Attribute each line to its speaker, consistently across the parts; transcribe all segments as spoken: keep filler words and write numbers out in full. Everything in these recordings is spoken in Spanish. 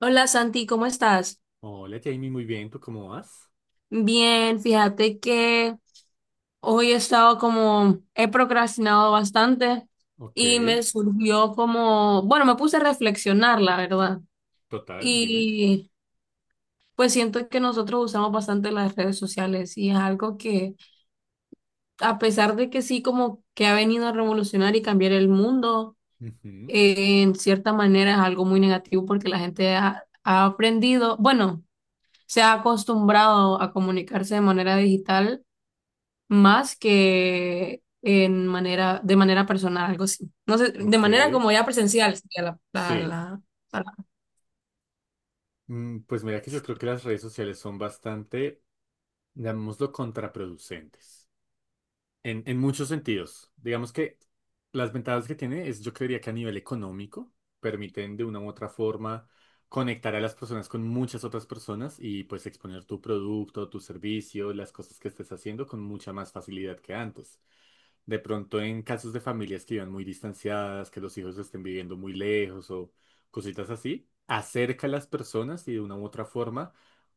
Speaker 1: Hola Santi, ¿cómo estás?
Speaker 2: Hola Jamie, muy bien, ¿tú cómo vas?
Speaker 1: Bien, fíjate que hoy he estado como, he procrastinado bastante
Speaker 2: Ok,
Speaker 1: y me surgió como, bueno, me puse a reflexionar, la verdad.
Speaker 2: total, dime.
Speaker 1: Y pues siento que nosotros usamos bastante las redes sociales y es algo que, a pesar de que sí, como que ha venido a revolucionar y cambiar el mundo,
Speaker 2: Ujú.
Speaker 1: eh, en cierta manera es algo muy negativo porque la gente ha ha aprendido, bueno, se ha acostumbrado a comunicarse de manera digital más que en manera, de manera personal, algo así. No sé, de
Speaker 2: Ok,
Speaker 1: manera como ya presencial sería la, la,
Speaker 2: sí.
Speaker 1: la palabra.
Speaker 2: Mm, Pues mira que yo creo que las redes sociales son bastante, llamémoslo, contraproducentes. En, en muchos sentidos. Digamos que las ventajas que tiene es, yo creería que a nivel económico, permiten de una u otra forma conectar a las personas con muchas otras personas y pues exponer tu producto, tu servicio, las cosas que estés haciendo con mucha más facilidad que antes. De pronto en casos de familias que vivan muy distanciadas, que los hijos estén viviendo muy lejos o cositas así, acerca a las personas y de una u otra forma,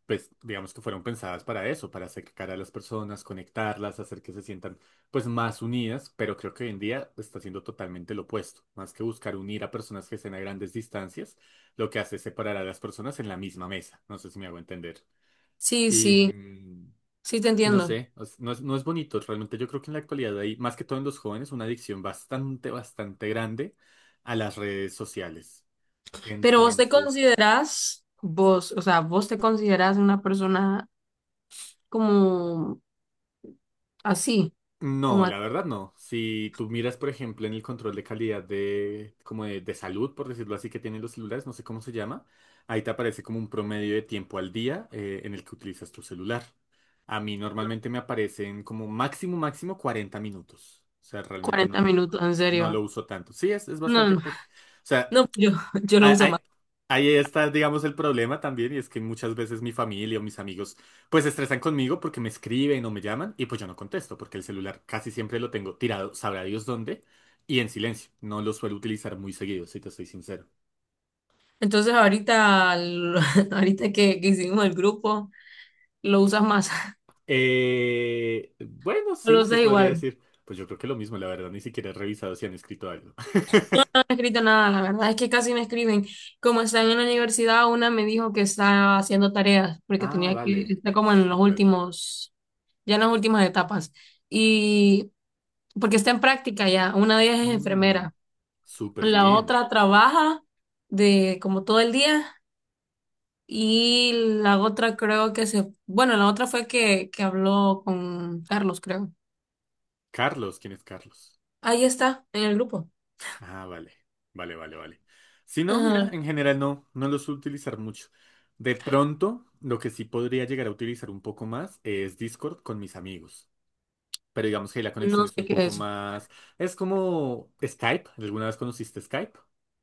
Speaker 2: pues digamos que fueron pensadas para eso, para acercar a las personas, conectarlas, hacer que se sientan pues más unidas, pero creo que hoy en día está siendo totalmente lo opuesto. Más que buscar unir a personas que estén a grandes distancias, lo que hace es separar a las personas en la misma mesa. No sé si me hago entender.
Speaker 1: Sí,
Speaker 2: Y...
Speaker 1: sí,
Speaker 2: mm,
Speaker 1: sí te
Speaker 2: y no
Speaker 1: entiendo.
Speaker 2: sé, es- no es, no es bonito. Realmente yo creo que en la actualidad hay, más que todo en los jóvenes, una adicción bastante, bastante grande a las redes sociales.
Speaker 1: Pero vos te
Speaker 2: Entonces,
Speaker 1: considerás, vos, o sea, vos te considerás una persona como así, como
Speaker 2: no,
Speaker 1: a
Speaker 2: la verdad no. Si tú miras, por ejemplo, en el control de calidad de, como de, de salud, por decirlo así, que tienen los celulares, no sé cómo se llama, ahí te aparece como un promedio de tiempo al día eh, en el que utilizas tu celular. A mí normalmente me aparecen como máximo, máximo cuarenta minutos. O sea, realmente
Speaker 1: cuarenta
Speaker 2: no,
Speaker 1: minutos, en
Speaker 2: no
Speaker 1: serio.
Speaker 2: lo uso tanto. Sí, es, es
Speaker 1: No,
Speaker 2: bastante
Speaker 1: no,
Speaker 2: poco. O sea,
Speaker 1: no, yo, yo lo
Speaker 2: ah,
Speaker 1: uso
Speaker 2: ah,
Speaker 1: más.
Speaker 2: ahí está, digamos, el problema también, y es que muchas veces mi familia o mis amigos pues se estresan conmigo porque me escriben o me llaman y pues yo no contesto porque el celular casi siempre lo tengo tirado, sabrá Dios dónde, y en silencio. No lo suelo utilizar muy seguido, si te soy sincero.
Speaker 1: Entonces ahorita, lo- ahorita que, que hicimos el grupo, lo usas más,
Speaker 2: Eh, bueno,
Speaker 1: lo
Speaker 2: sí, se
Speaker 1: usas
Speaker 2: podría
Speaker 1: igual.
Speaker 2: decir. Pues yo creo que lo mismo, la verdad, ni siquiera he revisado si han escrito algo.
Speaker 1: He escrito nada, la verdad es que casi me escriben. Como están en la universidad, una me dijo que está haciendo tareas porque
Speaker 2: Ah,
Speaker 1: tenía que,
Speaker 2: vale.
Speaker 1: está como en los
Speaker 2: Súper.
Speaker 1: últimos, ya en las últimas etapas. Y porque está en práctica ya, una de ellas es
Speaker 2: Mm,
Speaker 1: enfermera,
Speaker 2: súper
Speaker 1: la
Speaker 2: bien.
Speaker 1: otra trabaja de como todo el día y la otra creo que se, bueno, la otra fue que, que habló con Carlos, creo.
Speaker 2: Carlos, ¿quién es Carlos?
Speaker 1: Ahí está, en el grupo.
Speaker 2: Ah, vale, vale, vale, vale. Si no, mira,
Speaker 1: Ajá.
Speaker 2: en general no, no los suelo utilizar mucho. De pronto, lo que sí podría llegar a utilizar un poco más es Discord con mis amigos. Pero digamos que la conexión
Speaker 1: No sé
Speaker 2: es un
Speaker 1: qué
Speaker 2: poco
Speaker 1: es.
Speaker 2: más... Es como Skype. ¿Alguna vez conociste Skype?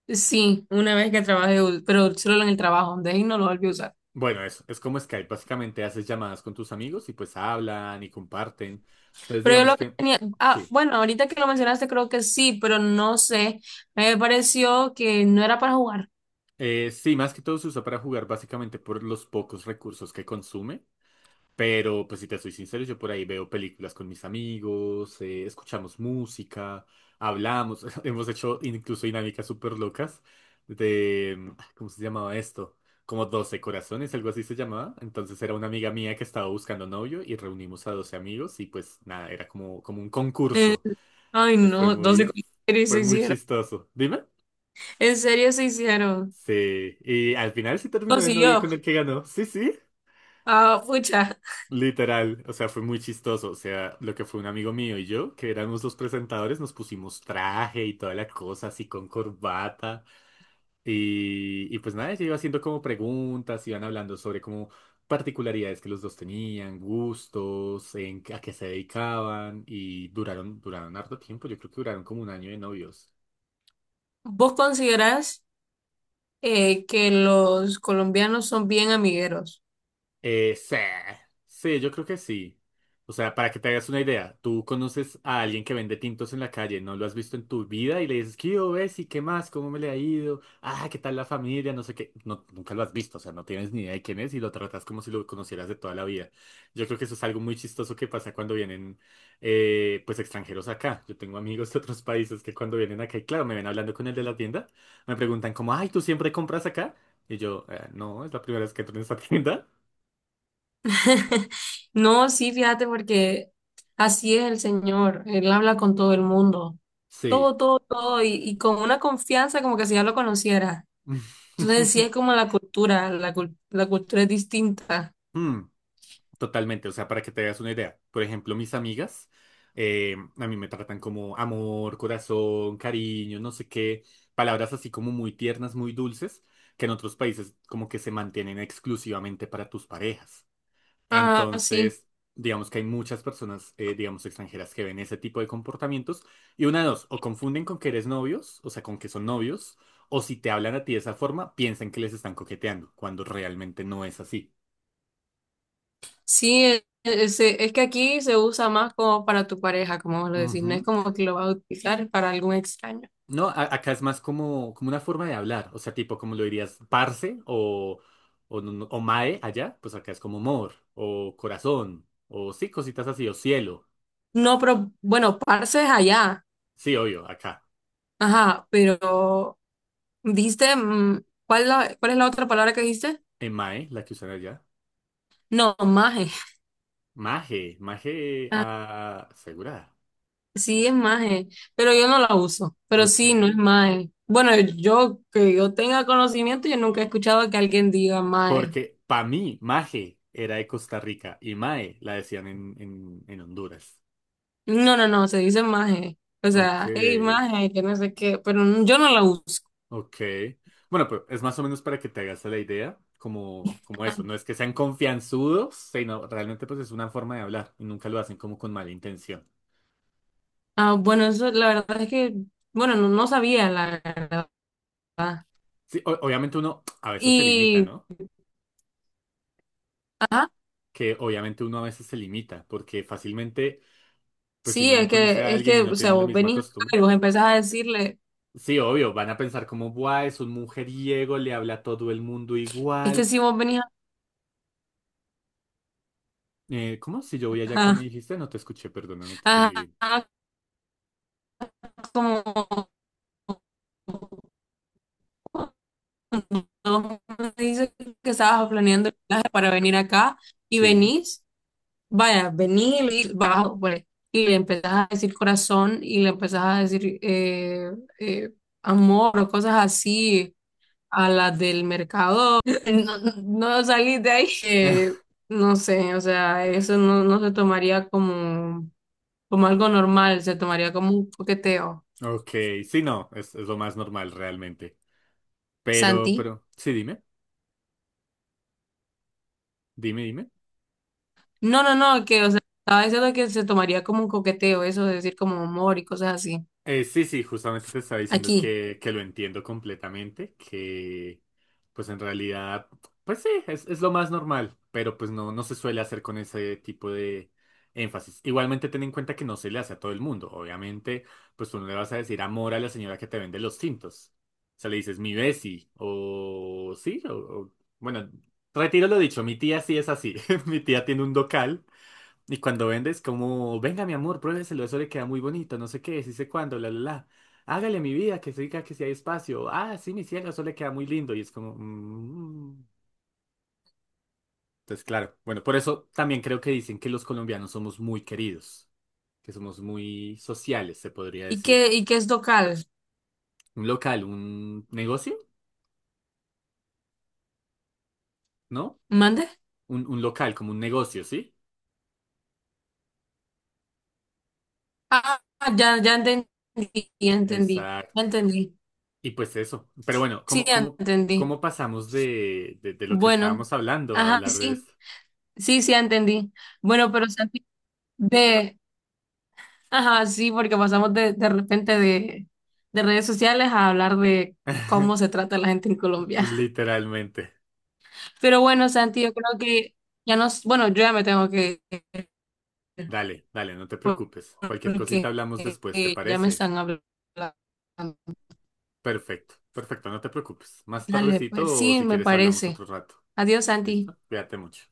Speaker 1: Sí, una vez que trabajé, u- pero solo en el trabajo, de ahí no lo volví a usar.
Speaker 2: Bueno, eso, es como Skype. Básicamente haces llamadas con tus amigos y pues hablan y comparten. Entonces,
Speaker 1: Pero yo
Speaker 2: digamos
Speaker 1: lo que
Speaker 2: que
Speaker 1: tenía, ah,
Speaker 2: sí.
Speaker 1: bueno, ahorita que lo mencionaste creo que sí, pero no sé, me pareció que no era para jugar.
Speaker 2: Eh, sí, más que todo se usa para jugar básicamente por los pocos recursos que consume. Pero, pues si te soy sincero, yo por ahí veo películas con mis amigos, eh, escuchamos música, hablamos, hemos hecho incluso dinámicas súper locas de, mm, ¿cómo se llamaba esto? Como doce corazones, algo así se llamaba. Entonces era una amiga mía que estaba buscando novio y reunimos a doce amigos y pues nada, era como, como un
Speaker 1: Eh,
Speaker 2: concurso.
Speaker 1: ay,
Speaker 2: Entonces fue
Speaker 1: no, doce
Speaker 2: muy,
Speaker 1: con- en
Speaker 2: fue
Speaker 1: se
Speaker 2: muy
Speaker 1: hicieron.
Speaker 2: chistoso. Dime.
Speaker 1: En serio se hicieron.
Speaker 2: Sí, y al final sí terminó el novio
Speaker 1: Consiguió.
Speaker 2: con el que ganó. Sí, sí.
Speaker 1: Ah, pucha,
Speaker 2: Literal, o sea, fue muy chistoso. O sea, lo que fue un amigo mío y yo, que éramos los presentadores, nos pusimos traje y toda la cosa, así con corbata. Y, y pues nada, ella iba haciendo como preguntas, iban hablando sobre como particularidades que los dos tenían, gustos, en, a qué se dedicaban. Y duraron, duraron harto tiempo, yo creo que duraron como un año de novios.
Speaker 1: ¿vos considerás eh, que los colombianos son bien amigueros?
Speaker 2: Eh, sí, sí, yo creo que sí. O sea, para que te hagas una idea, tú conoces a alguien que vende tintos en la calle, no lo has visto en tu vida y le dices, ¿qué hubo, Bessie? ¿Qué más? ¿Cómo me le ha ido? Ah, ¿qué tal la familia? No sé qué. No, nunca lo has visto, o sea, no tienes ni idea de quién es y lo tratas como si lo conocieras de toda la vida. Yo creo que eso es algo muy chistoso que pasa cuando vienen, eh, pues, extranjeros acá. Yo tengo amigos de otros países que cuando vienen acá y, claro, me ven hablando con el de la tienda, me preguntan como, ay, ¿tú siempre compras acá? Y yo, "Eh, no, es la primera vez que entro en esta tienda.
Speaker 1: No, sí, fíjate, porque así es el Señor. Él habla con todo el mundo.
Speaker 2: Sí.
Speaker 1: Todo, todo, todo. Y, y con una confianza como que si ya lo conociera. Entonces, sí es como la cultura. La, cul- la cultura es distinta.
Speaker 2: Mm, totalmente, o sea, para que te hagas una idea. Por ejemplo, mis amigas eh, a mí me tratan como amor, corazón, cariño, no sé qué, palabras así como muy tiernas, muy dulces, que en otros países como que se mantienen exclusivamente para tus parejas.
Speaker 1: Ah, sí.
Speaker 2: Entonces, digamos que hay muchas personas, eh, digamos, extranjeras que ven ese tipo de comportamientos y una de dos, o confunden con que eres novios, o sea, con que son novios, o si te hablan a ti de esa forma, piensan que les están coqueteando, cuando realmente no es así.
Speaker 1: Sí, e- ese- es, que aquí se usa más como para tu pareja, como vos lo decís. No es
Speaker 2: Ujú.
Speaker 1: como que lo vas a utilizar para algún extraño.
Speaker 2: No, a- acá es más como, como una forma de hablar, o sea, tipo como lo dirías, parce o, o, no- no- o mae allá, pues acá es como amor, o corazón, o sí, cositas así, o cielo.
Speaker 1: No, pero bueno, parce es allá.
Speaker 2: Sí, obvio, acá.
Speaker 1: Ajá, pero dijiste, mm, ¿cuál, la- cuál es la otra palabra que dijiste?
Speaker 2: En mae, la que usan allá.
Speaker 1: No, Maje.
Speaker 2: Maje, Maje
Speaker 1: Ah,
Speaker 2: ah, asegurada.
Speaker 1: sí es Maje, pero yo no la uso. Pero
Speaker 2: Ok.
Speaker 1: sí, no es Maje. Bueno, yo que yo tenga conocimiento, yo nunca he escuchado que alguien diga Maje.
Speaker 2: Porque para mí, Maje era de Costa Rica y Mae la decían en, en, en Honduras.
Speaker 1: No, no, no, se dice Maje. O
Speaker 2: Ok,
Speaker 1: sea, hey, Maje, que no sé qué, pero n- yo no la uso.
Speaker 2: ok. Bueno, pero es más o menos para que te hagas la idea, como, como eso. No es que sean confianzudos, sino realmente pues es una forma de hablar y nunca lo hacen como con mala intención.
Speaker 1: Ah, bueno, eso la verdad es que, bueno, no, no sabía la verdad.
Speaker 2: Sí, o- obviamente uno a veces se limita,
Speaker 1: Y,
Speaker 2: ¿no?
Speaker 1: ajá,
Speaker 2: Que obviamente uno a veces se limita, porque fácilmente, pues si
Speaker 1: sí,
Speaker 2: uno no
Speaker 1: es
Speaker 2: conoce a
Speaker 1: que, es
Speaker 2: alguien
Speaker 1: que,
Speaker 2: y
Speaker 1: o
Speaker 2: no
Speaker 1: sea,
Speaker 2: tiene la
Speaker 1: vos
Speaker 2: misma
Speaker 1: venís acá
Speaker 2: costumbre,
Speaker 1: y vos empezás a decirle,
Speaker 2: sí, obvio, van a pensar como, buah, es un mujeriego, le habla a todo el mundo
Speaker 1: es que
Speaker 2: igual.
Speaker 1: si vos venís
Speaker 2: Eh, ¿cómo? Si yo voy allá, ¿que me
Speaker 1: acá,
Speaker 2: dijiste? No te escuché, perdona, no te entendí
Speaker 1: ajá,
Speaker 2: bien.
Speaker 1: ajá, como no me dices que estabas planeando el viaje para venir acá y
Speaker 2: Sí.
Speaker 1: venís, vaya, venís y le dices, bajo, pues, y le empezás a decir corazón y le empezás a decir eh, eh, amor o cosas así a las del mercado. No, no salís de ahí. Eh, no sé, o sea, eso no, no se tomaría como, como algo normal, se tomaría como un coqueteo.
Speaker 2: Ok, sí, no, es, es lo más normal realmente. Pero,
Speaker 1: Santi.
Speaker 2: pero, sí, dime, dime, dime.
Speaker 1: No, no, no, que, o sea, estaba diciendo que se tomaría como un coqueteo, eso de decir como amor y cosas así.
Speaker 2: Eh, sí, sí, justamente te estaba diciendo
Speaker 1: Aquí.
Speaker 2: que, que lo entiendo completamente, que pues en realidad, pues sí, es, es lo más normal, pero pues no, no se suele hacer con ese tipo de énfasis. Igualmente ten en cuenta que no se le hace a todo el mundo, obviamente, pues tú no le vas a decir amor a la señora que te vende los tintos. O sea, le dices mi besi, o sí, o, o- bueno, retiro lo dicho, mi tía sí es así, mi tía tiene un docal y cuando vendes, como, venga, mi amor, pruébeselo, eso le queda muy bonito, no sé qué, sí sé cuándo, la, la, la. Hágale mi vida, que siga, que si hay espacio. Ah, sí, mi cielo, eso le queda muy lindo. Y es como, mm. Entonces, claro, bueno, por eso también creo que dicen que los colombianos somos muy queridos, que somos muy sociales, se podría
Speaker 1: ¿Y
Speaker 2: decir.
Speaker 1: qué, y qué es local?
Speaker 2: Un local, un negocio, ¿no?
Speaker 1: ¿Mande?
Speaker 2: Un, un local, como un negocio, ¿sí?
Speaker 1: Ah, ah, ya, ya entendí, ya entendí, ya
Speaker 2: Exacto.
Speaker 1: entendí.
Speaker 2: Y pues eso. Pero bueno,
Speaker 1: Sí,
Speaker 2: ¿cómo,
Speaker 1: ya
Speaker 2: cómo,
Speaker 1: entendí.
Speaker 2: ¿cómo pasamos de, de, de lo que
Speaker 1: Bueno,
Speaker 2: estábamos hablando a
Speaker 1: ajá, sí,
Speaker 2: hablar de
Speaker 1: sí,
Speaker 2: esto?
Speaker 1: sí, sí, ya entendí. Bueno, pero Santi, de, ajá, sí, porque pasamos de, de repente de, de redes sociales a hablar de cómo se trata la gente en Colombia.
Speaker 2: Literalmente.
Speaker 1: Pero bueno, Santi, yo creo que ya nos, bueno, yo ya me tengo que ir.
Speaker 2: Dale, dale, no te preocupes. Cualquier cosita
Speaker 1: Porque
Speaker 2: hablamos
Speaker 1: eh,
Speaker 2: después, ¿te
Speaker 1: eh, ya me
Speaker 2: parece?
Speaker 1: están hablando.
Speaker 2: Perfecto, perfecto, no te preocupes. Más
Speaker 1: Dale, pues
Speaker 2: tardecito o
Speaker 1: sí,
Speaker 2: si
Speaker 1: me
Speaker 2: quieres hablamos
Speaker 1: parece.
Speaker 2: otro rato.
Speaker 1: Adiós, Santi.
Speaker 2: ¿Listo? Cuídate mucho.